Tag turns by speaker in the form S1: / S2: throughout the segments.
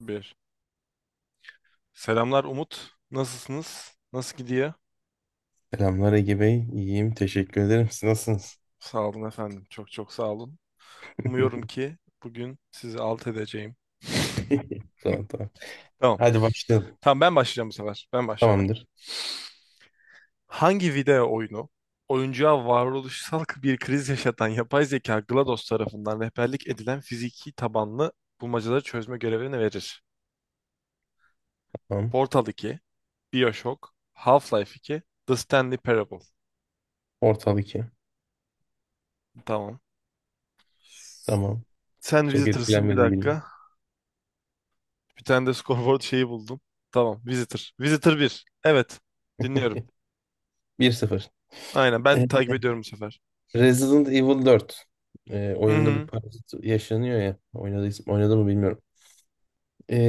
S1: Bir. Selamlar Umut. Nasılsınız? Nasıl gidiyor?
S2: Selamlar Ege Bey. İyiyim. Teşekkür ederim. Siz nasılsınız?
S1: Sağ olun efendim. Çok çok sağ olun. Umuyorum ki bugün sizi alt edeceğim.
S2: Tamam tamam.
S1: Tamam.
S2: Hadi başlayalım.
S1: Tamam, ben başlayacağım bu sefer. Ben başlıyorum.
S2: Tamamdır.
S1: Hangi video oyunu oyuncuya varoluşsal bir kriz yaşatan yapay zeka GLaDOS tarafından rehberlik edilen fiziki tabanlı bulmacaları çözme görevini verir?
S2: Tamam.
S1: Portal iki, BioShock, Half-Life iki, The Stanley Parable.
S2: Ortal 2.
S1: Tamam.
S2: Tamam.
S1: Sen
S2: Çok
S1: Visitors'ın, bir
S2: etkilenmedim bilmiyorum.
S1: dakika. Bir tane de scoreboard şeyi buldum. Tamam. Visitor. Visitor bir. Evet. Dinliyorum.
S2: 1-0.
S1: Aynen. Ben
S2: E,
S1: takip ediyorum bu sefer.
S2: Resident Evil 4
S1: Hı
S2: oyununda bir
S1: hı.
S2: parazit yaşanıyor ya. Oynadı mı bilmiyorum.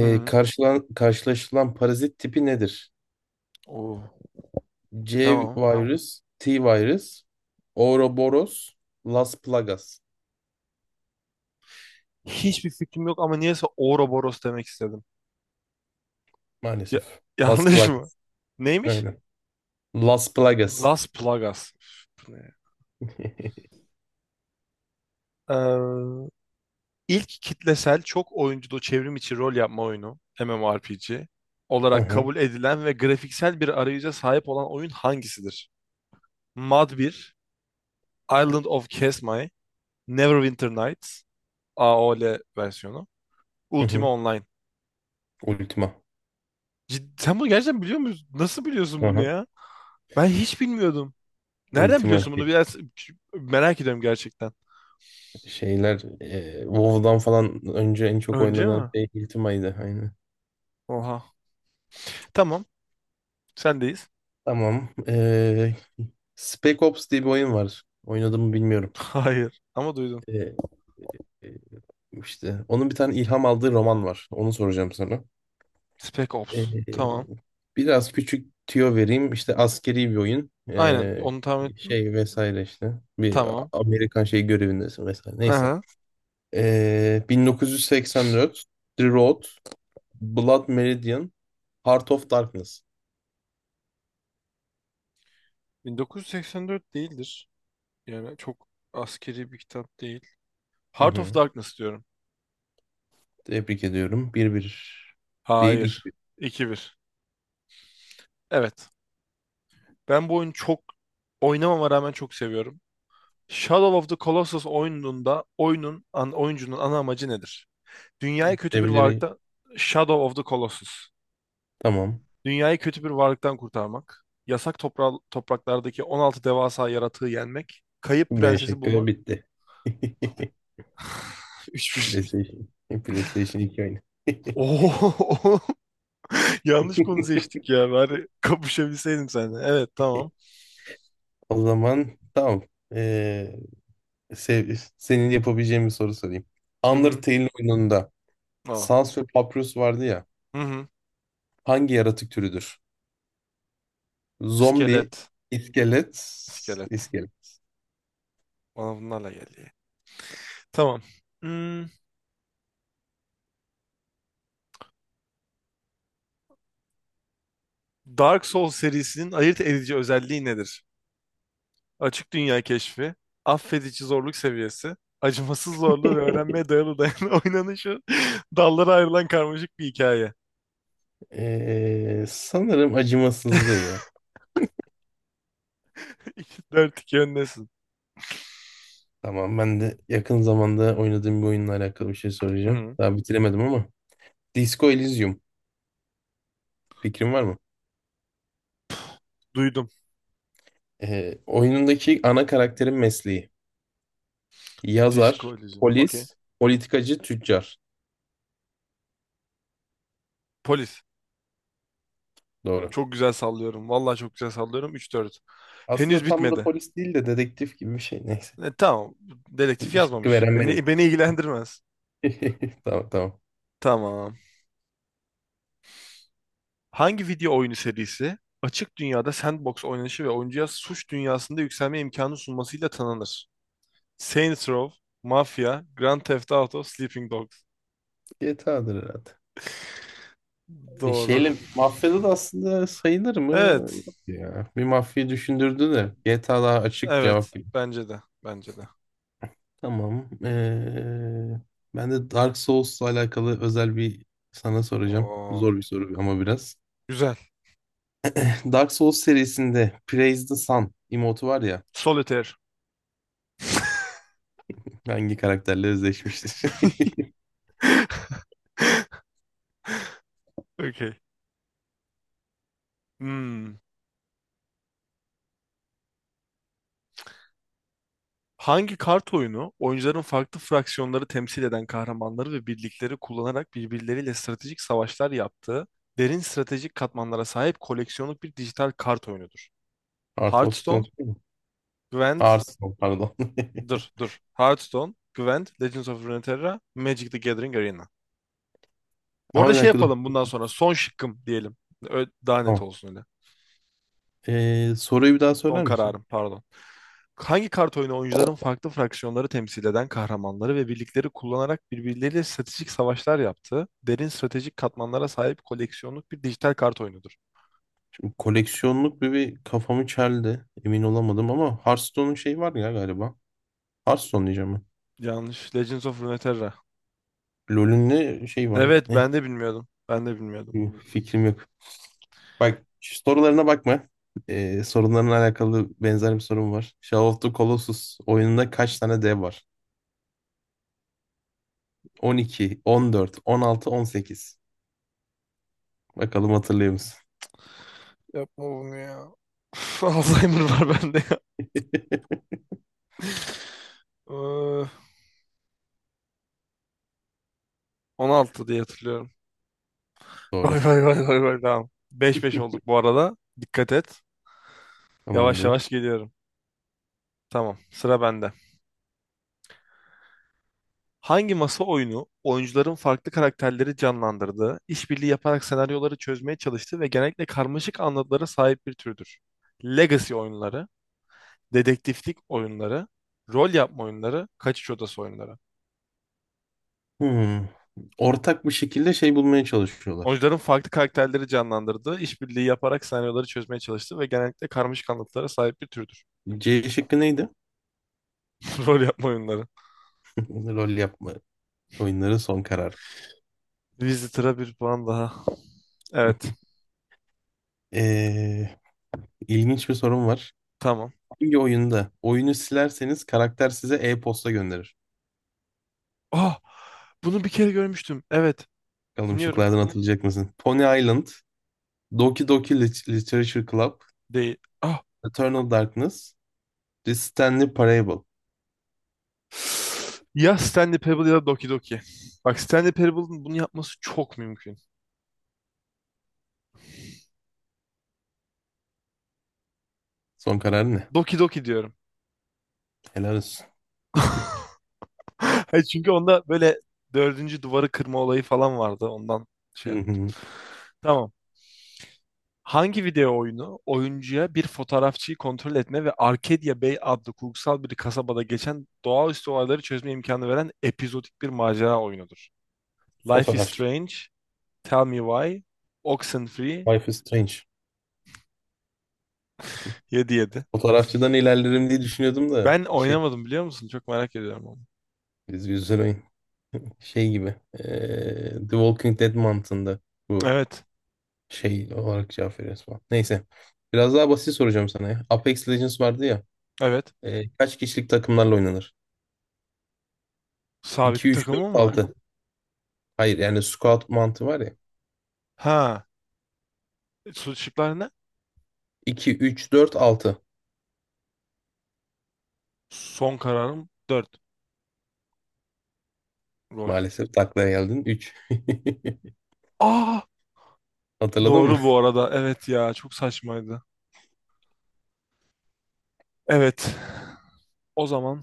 S1: Hı hı.
S2: Karşılaşılan parazit tipi nedir?
S1: Oo.
S2: C
S1: Tamam.
S2: virus, T virus, Ouroboros, Las Plagas.
S1: Hiçbir fikrim yok ama niyeyse Ouroboros demek istedim. Ya-
S2: Maalesef. Las
S1: yanlış mı?
S2: Plagas.
S1: Neymiş?
S2: Aynen. Las Plagas.
S1: Las Plagas. Üf, bu ne ya? Ee, ilk kitlesel çok oyunculu çevrim içi rol yapma oyunu MMORPG olarak
S2: Aha,
S1: kabul edilen ve grafiksel bir arayüze sahip olan oyun hangisidir? Mud bir, Island of Kesmai, Neverwinter Nights AOL versiyonu, Ultima
S2: aha.
S1: Online.
S2: Ultima.
S1: Sen bunu gerçekten biliyor musun? Nasıl biliyorsun bunu
S2: Aha.
S1: ya? Ben hiç bilmiyordum. Nereden
S2: Ultima
S1: biliyorsun bunu? Biraz merak ediyorum gerçekten.
S2: şeyler WoW'dan falan önce en çok
S1: Önce
S2: oynanan
S1: mi?
S2: şey Ultima'ydı aynı.
S1: Oha. Tamam. Sendeyiz.
S2: Tamam. Spec Ops diye bir oyun var. Oynadım mı bilmiyorum.
S1: Hayır. Ama duydum.
S2: E, e, işte onun bir tane ilham aldığı roman var. Onu soracağım sana.
S1: Spec Ops. Tamam.
S2: E, biraz küçük tüyo vereyim. İşte askeri bir oyun.
S1: Aynen. Onu tahmin ettim.
S2: Şey vesaire işte. Bir
S1: Tamam.
S2: Amerikan şey görevindesin vesaire. Neyse.
S1: Aha.
S2: 1984, The Road, Blood Meridian, Heart of Darkness.
S1: 1984 değildir. Yani çok askeri bir kitap değil.
S2: Hı
S1: Heart of
S2: hı.
S1: Darkness diyorum.
S2: Tebrik ediyorum. Bir bir değil
S1: Hayır.
S2: 2-1.
S1: 2 bir. Evet. Ben bu oyunu çok oynamama rağmen çok seviyorum. Shadow of the Colossus oyununda oyuncunun ana amacı nedir? Dünyayı kötü bir
S2: Evleri
S1: varlıkta... Shadow of the Colossus.
S2: tamam.
S1: Dünyayı kötü bir varlıktan kurtarmak, yasak topraklardaki 16 devasa yaratığı yenmek, kayıp
S2: B
S1: prensesi
S2: şıkkı
S1: bulmak.
S2: bitti.
S1: 3.
S2: PlayStation. PlayStation 2 oyunu.
S1: Oo, yanlış konu seçtik ya. Bari kapışabilseydim seninle. Evet, tamam.
S2: O zaman tamam. Ee, senin yapabileceğin bir soru sorayım.
S1: Hı hı.
S2: Undertale oyununda
S1: Aa.
S2: Sans ve Papyrus vardı ya.
S1: Hı hı.
S2: Hangi yaratık türüdür? Zombi,
S1: İskelet.
S2: iskelet,
S1: İskelet.
S2: iskelet.
S1: Bana bunlarla geldi. Tamam. Hmm, Dark Souls serisinin ayırt edici özelliği nedir? Açık dünya keşfi, affedici zorluk seviyesi, acımasız zorluğu ve öğrenmeye dayalı oynanışı, dallara ayrılan karmaşık bir hikaye.
S2: Sanırım acımasızlığı ya.
S1: 4-2 öndesin.
S2: Tamam ben de yakın zamanda oynadığım bir oyunla alakalı bir şey soracağım.
S1: Hı-hı.
S2: Daha bitiremedim ama. Disco Elysium. Fikrin var mı?
S1: Duydum.
S2: Oyunundaki ana karakterin mesleği.
S1: Disco
S2: Yazar,
S1: Elysium. Okey.
S2: polis, politikacı, tüccar.
S1: Polis.
S2: Doğru.
S1: Çok güzel sallıyorum. Vallahi çok güzel sallıyorum. 3-4.
S2: Aslında
S1: Henüz
S2: tam da
S1: bitmedi.
S2: polis değil de dedektif gibi bir şey. Neyse.
S1: Tamam. Dedektif
S2: Şıkkı
S1: yazmamış.
S2: veren
S1: Beni
S2: benim.
S1: beni ilgilendirmez.
S2: Tamam tamam.
S1: Tamam. Hangi video oyunu serisi açık dünyada sandbox oynanışı ve oyuncuya suç dünyasında yükselme imkanı sunmasıyla tanınır? Saints Row, Mafia, Grand Theft Auto, Sleeping Dogs.
S2: GTA'dır herhalde.
S1: Doğru.
S2: Şeyle mafyada da aslında sayılır mı?
S1: Evet,
S2: Yok ya. Bir mafyayı düşündürdü de GTA daha açık cevap.
S1: evet. Bence de, bence de.
S2: Tamam. Ben de Dark Souls'la alakalı özel bir sana soracağım.
S1: Oo,
S2: Zor bir soru ama biraz.
S1: güzel.
S2: Dark Souls serisinde Praise the Sun emotu var ya.
S1: Solitaire.
S2: Hangi karakterle özdeşmiştir?
S1: Okay. Hmm. Hangi kart oyunu oyuncuların farklı fraksiyonları temsil eden kahramanları ve birlikleri kullanarak birbirleriyle stratejik savaşlar yaptığı, derin stratejik katmanlara sahip koleksiyonluk bir dijital kart oyunudur?
S2: Art of
S1: Hearthstone,
S2: Stone mu?
S1: Gwent,
S2: Art Stone pardon.
S1: dur dur. Hearthstone, Gwent, Legends of Runeterra, Magic the Gathering Arena. Bu
S2: Ama
S1: arada
S2: bir
S1: şey
S2: dakika dur.
S1: yapalım, bundan sonra son şıkkım diyelim. Daha net
S2: Tamam.
S1: olsun öyle.
S2: Soruyu bir daha
S1: Son
S2: söyler misin?
S1: kararım, pardon. Hangi kart oyunu oyuncuların farklı fraksiyonları temsil eden kahramanları ve birlikleri kullanarak birbirleriyle stratejik savaşlar yaptığı, derin stratejik katmanlara sahip koleksiyonluk bir dijital kart oyunudur?
S2: Koleksiyonluk bir kafamı çeldi. Emin olamadım ama Hearthstone'un şeyi var ya galiba. Hearthstone diyeceğim ben.
S1: Yanlış. Legends of Runeterra.
S2: LoL'ün ne şey var ya?
S1: Evet,
S2: Ne?
S1: ben de bilmiyordum. Ben de bilmiyordum.
S2: Fikrim yok. Bak şu sorularına bakma. Sorunlarla alakalı benzer bir sorum var. Shadow of the Colossus oyununda kaç tane dev var? On 12, 14, 16, 18. Bakalım hatırlıyor musun?
S1: Yapma bunu ya. Üf, Alzheimer var bende ya. Ee, 16 diye hatırlıyorum. Gol
S2: Doğru.
S1: gol gol gol gol, tamam. 5-5 olduk bu arada. Dikkat et. Yavaş
S2: Tamamdır.
S1: yavaş geliyorum. Tamam, sıra bende. Hangi masa oyunu oyuncuların farklı karakterleri canlandırdığı, işbirliği yaparak senaryoları çözmeye çalıştığı ve genellikle karmaşık anlatılara sahip bir türdür? Legacy oyunları, dedektiflik oyunları, rol yapma oyunları, kaçış odası oyunları.
S2: Hmm. Ortak bir şekilde şey bulmaya çalışıyorlar.
S1: Oyuncuların farklı karakterleri canlandırdığı, işbirliği yaparak senaryoları çözmeye çalıştığı ve genellikle karmaşık anlatılara sahip bir türdür.
S2: C şıkkı neydi?
S1: Rol yapma oyunları.
S2: Rol yapma. Oyunların son karar.
S1: Visitor'a bir puan daha. Evet.
S2: Ee, ilginç bir sorum var.
S1: Tamam.
S2: Hangi oyunda oyunu silerseniz karakter size e-posta gönderir?
S1: Ah! Bunu bir kere görmüştüm. Evet.
S2: Bakalım
S1: Dinliyorum.
S2: şıklardan hatırlayacak mısın? Pony Island, Doki Doki Literature Club,
S1: Değil. Ah!
S2: Eternal Darkness, The Stanley Parable.
S1: Ya Stanley Parable ya da Doki Doki. Bak, Stanley Parable'ın bunu yapması çok mümkün.
S2: Son kararı ne?
S1: Doki Doki diyorum.
S2: Helal olsun.
S1: Çünkü onda böyle dördüncü duvarı kırma olayı falan vardı. Ondan şey
S2: Hı
S1: yap.
S2: hı.
S1: Tamam. Hangi video oyunu oyuncuya bir fotoğrafçıyı kontrol etme ve Arcadia Bay adlı kurgusal bir kasabada geçen doğaüstü olayları çözme imkanı veren epizodik bir macera oyunudur? Life is
S2: Fotoğrafçı.
S1: Strange, Tell Me Why, Oxenfree,
S2: Life is Strange.
S1: 7-7.
S2: Fotoğrafçıdan ilerlerim diye düşünüyordum da
S1: Ben
S2: şey
S1: oynamadım, biliyor musun? Çok merak ediyorum onu.
S2: biz güzel oyun. Şey gibi. The Walking Dead mantığında bu
S1: Evet,
S2: şey olarak cevap veriyoruz falan. Neyse. Biraz daha basit soracağım sana ya. Apex Legends vardı ya.
S1: evet.
S2: Kaç kişilik takımlarla oynanır?
S1: Sabit
S2: 2,
S1: bir
S2: 3, 4,
S1: takımım var.
S2: 6. Hayır yani squad mantığı var ya.
S1: Ha, şıklar ne?
S2: 2, 3, 4, 6.
S1: Son kararım dört. Rol.
S2: Maalesef taklaya geldin. Üç.
S1: Aa,
S2: Hatırladın mı?
S1: doğru bu arada. Evet ya, çok saçmaydı. Evet. O zaman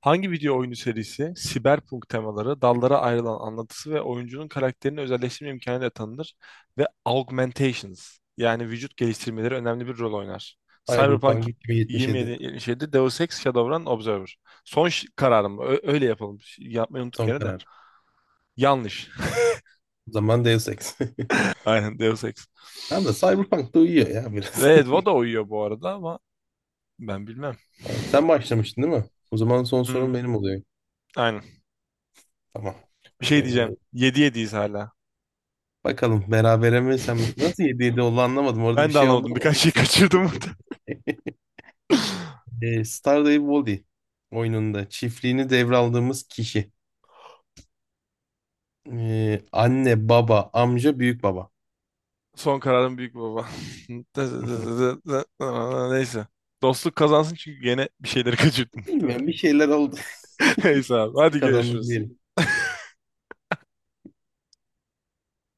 S1: hangi video oyunu serisi siberpunk temaları, dallara ayrılan anlatısı ve oyuncunun karakterini özelleştirme imkanı da tanınır ve augmentations, yani vücut geliştirmeleri önemli bir rol oynar. Cyberpunk
S2: Cyberpunk 2077.
S1: 2077, Deus Ex, Shadowrun, Observer. Son kararım. Öyle yapalım. Yapmayı unuttuk
S2: Son
S1: gene de.
S2: karar.
S1: Yanlış.
S2: O zaman Deus Ex.
S1: Aynen Deus Ex.
S2: Tamam da Cyberpunk da uyuyor ya biraz.
S1: Ve Edvo da uyuyor bu arada ama ben bilmem.
S2: Tamam, sen başlamıştın değil mi? O zaman son sorum
S1: Hmm,
S2: benim oluyor.
S1: aynen.
S2: Tamam.
S1: Bir şey diyeceğim.
S2: Ee,
S1: 7-7'yiz hala.
S2: bakalım berabere mi sen mi? Nasıl 7-7 oldu anlamadım. Orada bir
S1: Ben de
S2: şey oldu
S1: anlamadım.
S2: ama
S1: Birkaç şey
S2: neyse.
S1: kaçırdım.
S2: Stardew Valley oyununda çiftliğini devraldığımız kişi. Anne, baba, amca, büyük baba.
S1: Son kararım büyük baba. Neyse. Dostluk kazansın çünkü gene bir şeyleri kaçırdım, muhtemelen.
S2: Bilmiyorum bir şeyler oldu.
S1: Neyse abi.
S2: Sen
S1: Hadi
S2: kazandın
S1: görüşürüz.
S2: diyelim.